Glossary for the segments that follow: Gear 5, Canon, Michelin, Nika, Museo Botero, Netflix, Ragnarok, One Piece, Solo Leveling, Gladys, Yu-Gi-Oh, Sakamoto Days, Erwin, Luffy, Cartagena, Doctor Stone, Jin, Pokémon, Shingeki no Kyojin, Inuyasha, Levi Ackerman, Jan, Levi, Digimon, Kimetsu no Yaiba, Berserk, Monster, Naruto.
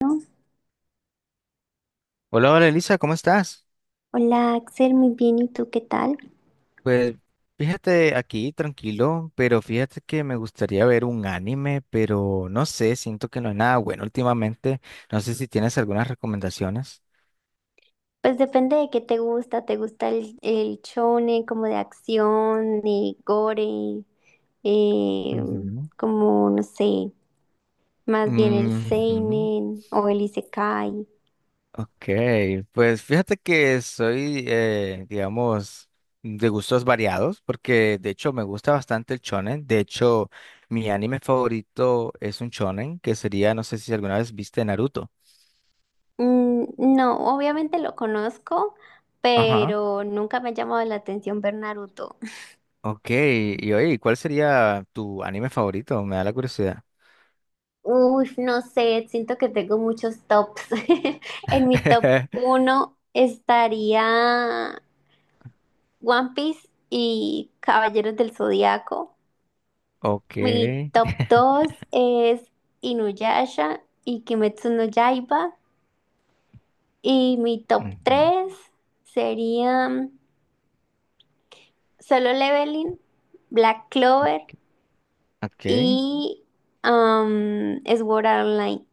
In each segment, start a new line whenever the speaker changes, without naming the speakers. ¿No?
Hola, hola Elisa, ¿cómo estás?
Hola Axel, muy bien, ¿y tú qué tal?
Pues fíjate aquí, tranquilo, pero fíjate que me gustaría ver un anime, pero no sé, siento que no es nada bueno últimamente. No sé si tienes algunas recomendaciones.
Pues depende de qué ¿te gusta el shonen como de acción, de gore, eh,
Ujú.
como no sé, más bien el
Ujú.
seinen o el isekai?
Ok, pues fíjate que soy, digamos, de gustos variados, porque de hecho me gusta bastante el shonen. De hecho, mi anime favorito es un shonen, que sería, no sé si alguna vez viste Naruto.
No, obviamente lo conozco,
Ajá.
pero nunca me ha llamado la atención ver Naruto.
Ok, y oye, ¿cuál sería tu anime favorito? Me da la curiosidad.
Uy, no sé, siento que tengo muchos tops. En mi top uno estaría One Piece y Caballeros del Zodiaco.
Ok.
Mi top 2 es Inuyasha y Kimetsu no Yaiba. Y mi top
Ujú.
3 serían Solo Leveling, Black Clover
Ok.
y Sword Art Online.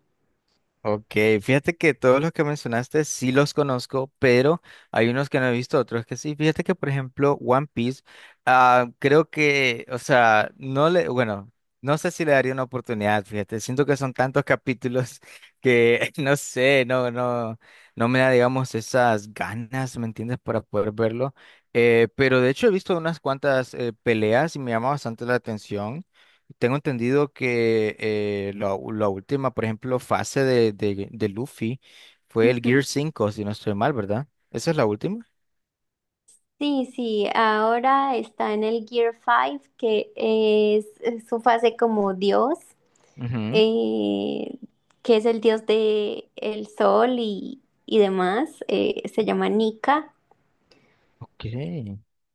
Ok, fíjate que todos los que mencionaste sí los conozco, pero hay unos que no he visto, otros que sí. Fíjate que, por ejemplo, One Piece, ah, creo que, o sea, no le, bueno, no sé si le daría una oportunidad, fíjate, siento que son tantos capítulos que, no sé, no, no, no me da, digamos, esas ganas, ¿me entiendes?, para poder verlo. Pero de hecho he visto unas cuantas peleas y me llama bastante la atención. Tengo entendido que la última, por ejemplo, fase de Luffy fue el Gear
Ujú.
cinco, si no estoy mal, ¿verdad? ¿Esa es la última?
Sí, sí, ahora está en el Gear 5, que es su fase como Dios.
Ujú.
eh, que es el dios de el sol y demás, se llama Nika.
Ok.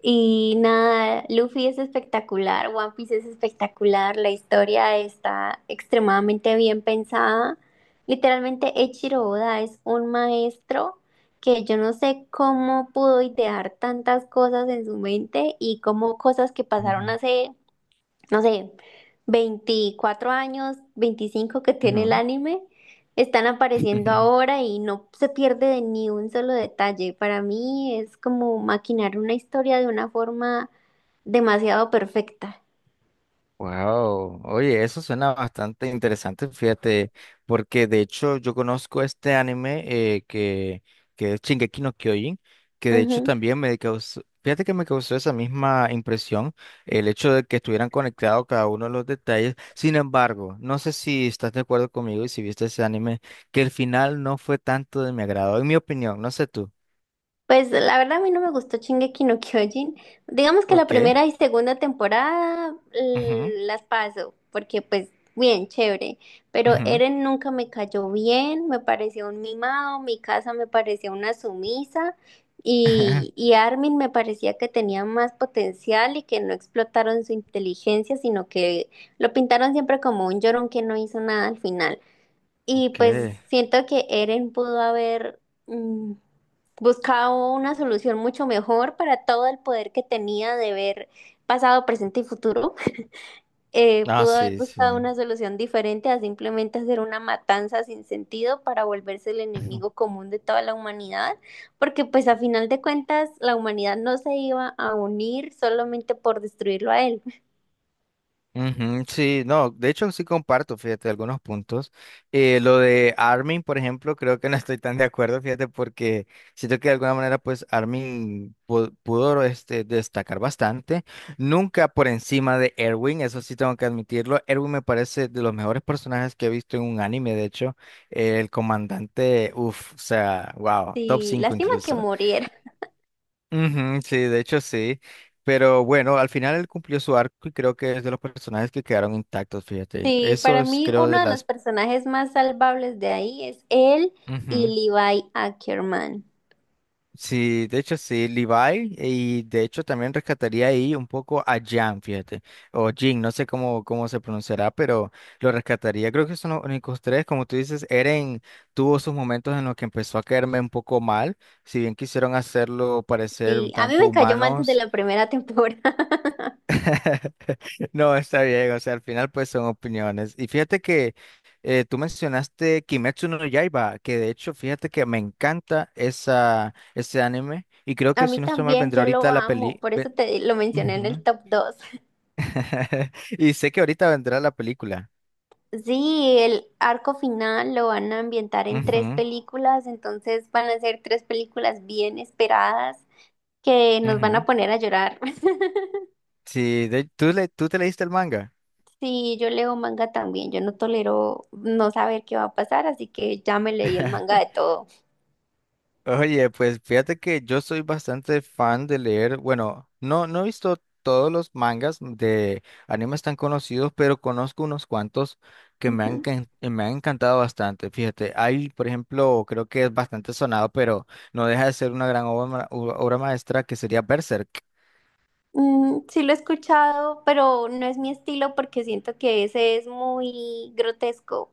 Y nada, Luffy es espectacular, One Piece es espectacular, la historia está extremadamente bien pensada. Literalmente, Eiichiro Oda es un maestro que yo no sé cómo pudo idear tantas cosas en su mente y cómo cosas que pasaron
Ujú.
hace no sé, 24 años, 25 que tiene el
Ujú.
anime, están apareciendo ahora y no se pierde de ni un solo detalle. Para mí es como maquinar una historia de una forma demasiado perfecta.
Wow, oye, eso suena bastante interesante, fíjate, porque de hecho yo conozco este anime eh, que, que es Shingeki no Kyojin, que de hecho también me causó, fíjate que me causó esa misma impresión, el hecho de que estuvieran conectados cada uno de los detalles. Sin embargo, no sé si estás de acuerdo conmigo y si viste ese anime, que el final no fue tanto de mi agrado, en mi opinión, no sé tú.
Pues la verdad a mí no me gustó Shingeki no Kyojin. Digamos que la
Ok.
primera y segunda temporada
Ujú,
las paso, porque pues bien, chévere. Pero
ujú.
Eren nunca me cayó bien, me pareció un mimado, mi casa me parecía una sumisa y, y Armin me parecía que tenía más potencial y que no explotaron su inteligencia, sino que lo pintaron siempre como un llorón que no hizo nada al final. Y
Ok.
pues siento que Eren pudo haber mm, buscado una solución mucho mejor para todo el poder que tenía de ver pasado, presente y futuro.
Ah,
Pudo haber
sí,
buscado
sí.
una solución diferente a simplemente hacer una matanza sin sentido para volverse el enemigo común de toda la humanidad, porque pues a final de cuentas la humanidad no se iba a unir solamente por destruirlo a él.
Ujú, sí, no, de hecho sí comparto, fíjate, algunos puntos. Lo de Armin, por ejemplo, creo que no estoy tan de acuerdo, fíjate, porque siento que de alguna manera, pues Armin pudo, este, destacar bastante, nunca por encima de Erwin, eso sí tengo que admitirlo. Erwin me parece de los mejores personajes que he visto en un anime, de hecho, el comandante, uff, o sea, wow, top
Sí,
5
lástima que
incluso.
muriera.
Ujú, sí, de hecho sí. Pero bueno, al final él cumplió su arco y creo que es de los personajes que quedaron intactos, fíjate.
Sí,
Eso
para
es,
mí
creo, de
uno de los
las...
personajes más salvables de ahí es él
Ujú.
y Levi Ackerman.
Sí, de hecho sí, Levi y de hecho también rescataría ahí un poco a Jan, fíjate, o Jin, no sé cómo se pronunciará, pero lo rescataría. Creo que son los únicos tres, como tú dices, Eren tuvo sus momentos en los que empezó a caerme un poco mal, si bien quisieron hacerlo parecer
Sí,
un
a mí
tanto
me cayó mal desde
humanos.
la primera temporada.
No, está bien, o sea, al final pues son opiniones. Y fíjate que tú mencionaste Kimetsu no Yaiba, que de hecho fíjate que me encanta esa, ese anime y creo
A
que
mí
si no estoy mal
también,
vendrá
yo lo
ahorita la
amo,
peli...
por eso
ve-
te lo mencioné en el
Ujú.
top 2.
Y sé que ahorita vendrá la película.
Sí, el arco final lo van a ambientar en tres
Ujú,
películas, entonces van a ser tres películas bien esperadas que nos van
ujú.
a poner a llorar.
Sí, ¿tú te leíste el manga?
Sí, yo leo manga también, yo no tolero no saber qué va a pasar, así que ya me leí el manga de todo.
Oye, pues fíjate que yo soy bastante fan de leer, bueno, no, no he visto todos los mangas de animes tan conocidos, pero conozco unos cuantos que
Ujú.
me han encantado bastante. Fíjate, hay, por ejemplo, creo que es bastante sonado, pero no deja de ser una gran obra, obra maestra que sería Berserk.
Sí lo he escuchado, pero no es mi estilo porque siento que ese es muy grotesco.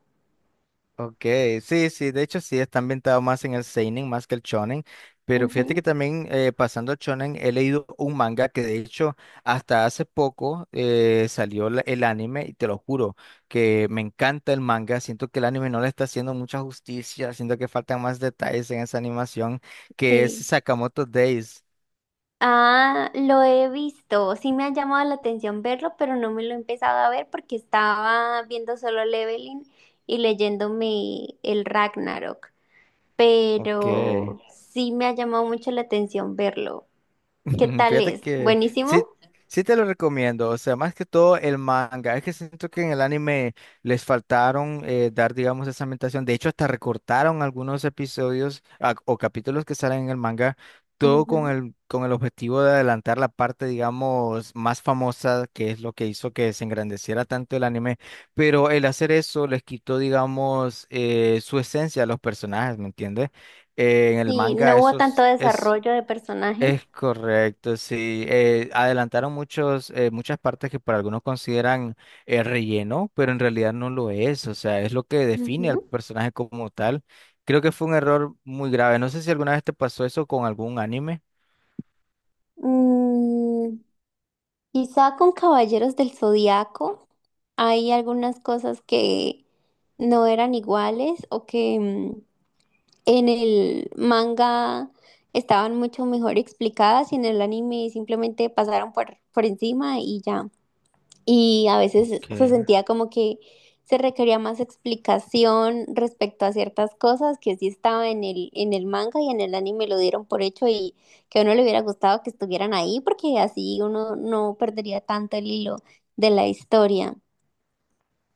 Ok, sí, sí, de hecho sí, está ambientado más en el seinen más que el shonen, pero
Ujú,
fíjate que también pasando al shonen he leído un manga que de hecho hasta hace poco salió el anime y te lo juro que me encanta el manga, siento que el anime no le está haciendo mucha justicia, siento que faltan más detalles en esa animación que es
sí.
Sakamoto Days.
Ah, lo he visto. Sí me ha llamado la atención verlo, pero no me lo he empezado a ver porque estaba viendo solo Leveling y leyéndome el Ragnarok.
Ok.
Pero sí me ha llamado mucho la atención verlo. ¿Qué tal
Fíjate
es?
que
¿Buenísimo?
sí, sí te lo recomiendo, o sea, más que todo el manga, es que siento que en el anime les faltaron dar, digamos, esa ambientación, de hecho hasta recortaron algunos episodios o capítulos que salen en el manga, todo con
Ujú.
el, con el objetivo de adelantar la parte, digamos, más famosa, que es lo que hizo que se engrandeciera tanto el anime, pero el hacer eso les quitó, digamos, su esencia a los personajes, ¿me entiendes? En el
Sí,
manga
no hubo
eso
tanto
es... es
desarrollo de personaje.
es correcto, sí. Adelantaron muchos, muchas partes que para algunos consideran relleno, pero en realidad no lo es. O sea, es lo que define al
Ujú.
personaje como tal. Creo que fue un error muy grave. No sé si alguna vez te pasó eso con algún anime.
Mm, Quizá con Caballeros del Zodiaco hay algunas cosas que no eran iguales o que en el manga estaban mucho mejor explicadas y en el anime simplemente pasaron por encima y ya y a veces se
Okay,
sentía como que se requería más explicación respecto a ciertas cosas que sí estaba en el manga y en el anime lo dieron por hecho y que a uno le hubiera gustado que estuvieran ahí porque así uno no perdería tanto el hilo de la historia.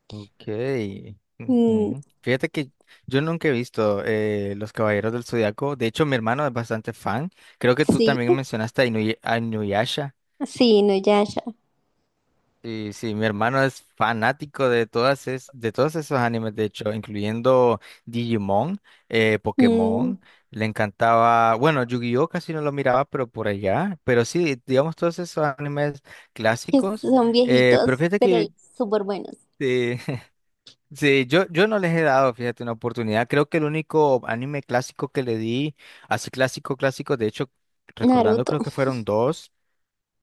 okay.
Mm,
Ujú. Fíjate que yo nunca he visto Los Caballeros del Zodiaco. De hecho, mi hermano es bastante fan. Creo que tú
sí,
también mencionaste a a Inuyasha.
sí, Nuyasha.
Sí, sí, mi hermano es fanático de de todos esos animes, de hecho, incluyendo Digimon,
Mm,
Pokémon, le encantaba, bueno, Yu-Gi-Oh casi no lo miraba, pero por allá, pero sí, digamos todos esos animes
que
clásicos,
son viejitos,
pero fíjate
pero
que
súper buenos.
eh, sí, yo no les he dado, fíjate, una oportunidad, creo que el único anime clásico que le di, así clásico, clásico, de hecho, recordando
Naruto.
creo que fueron dos.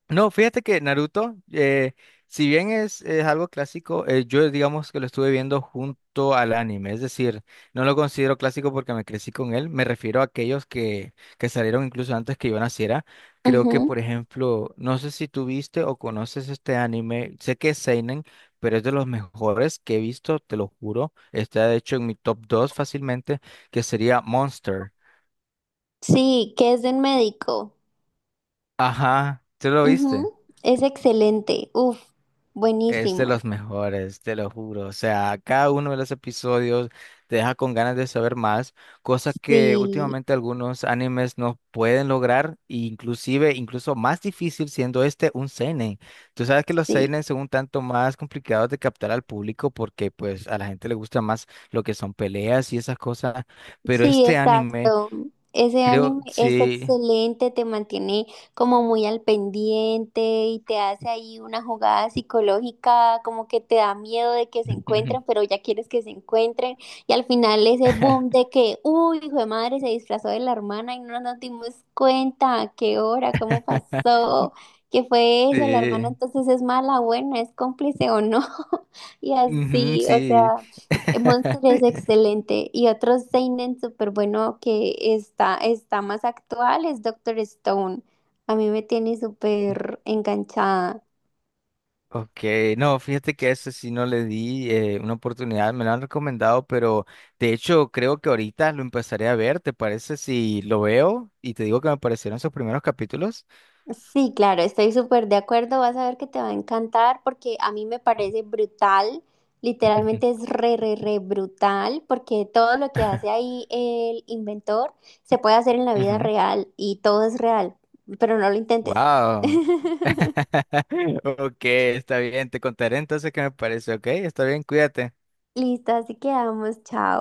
No, fíjate que Naruto, si bien es algo clásico, yo digamos que lo estuve viendo junto al anime, es decir, no lo considero clásico porque me crecí con él, me refiero a aquellos que salieron incluso antes que yo naciera. Creo que,
Ujú.
por ejemplo, no sé si tú viste o conoces este anime, sé que es Seinen, pero es de los mejores que he visto, te lo juro, está de hecho en mi top 2 fácilmente, que sería Monster.
Sí, que es de un médico.
Ajá, ¿tú lo viste?
Ujú, es excelente. Uf,
Es de
buenísimo.
los mejores, te lo juro. O sea, cada uno de los episodios te deja con ganas de saber más, cosas que
Sí,
últimamente algunos animes no pueden lograr, e inclusive, incluso más difícil siendo este un seinen. Tú sabes que los
sí.
seinen son un tanto más complicados de captar al público porque pues a la gente le gusta más lo que son peleas y esas cosas, pero
Sí,
este anime,
exacto. Ese anime
creo,
es
sí.
excelente, te mantiene como muy al pendiente y te hace ahí una jugada psicológica, como que te da miedo de que se encuentren, pero ya quieres que se encuentren. Y al final ese boom de que, uy, hijo de madre, se disfrazó de la hermana y no nos dimos cuenta, ¿a qué hora, cómo pasó, qué fue eso, la hermana
Sí.
entonces es mala, buena, es cómplice o no? Y
Ujú,
así, o
sí.
sea. Monster es excelente y otro seinen súper bueno que está, está más actual es Doctor Stone. A mí me tiene súper enganchada.
Ok, no, fíjate que a ese sí no le di una oportunidad, me lo han recomendado, pero de hecho creo que ahorita lo empezaré a ver, ¿te parece si lo veo? Y te digo que me parecieron esos primeros capítulos.
Sí, claro, estoy súper de acuerdo. Vas a ver que te va a encantar porque a mí me parece brutal. Literalmente es re, re, re brutal porque todo lo que hace ahí el inventor se puede hacer en la vida
Ujú.
real y todo es real, pero no lo intentes.
Wow, ok, está bien, te contaré entonces qué me parece, ok, está bien, cuídate.
Listo, así quedamos. Chao.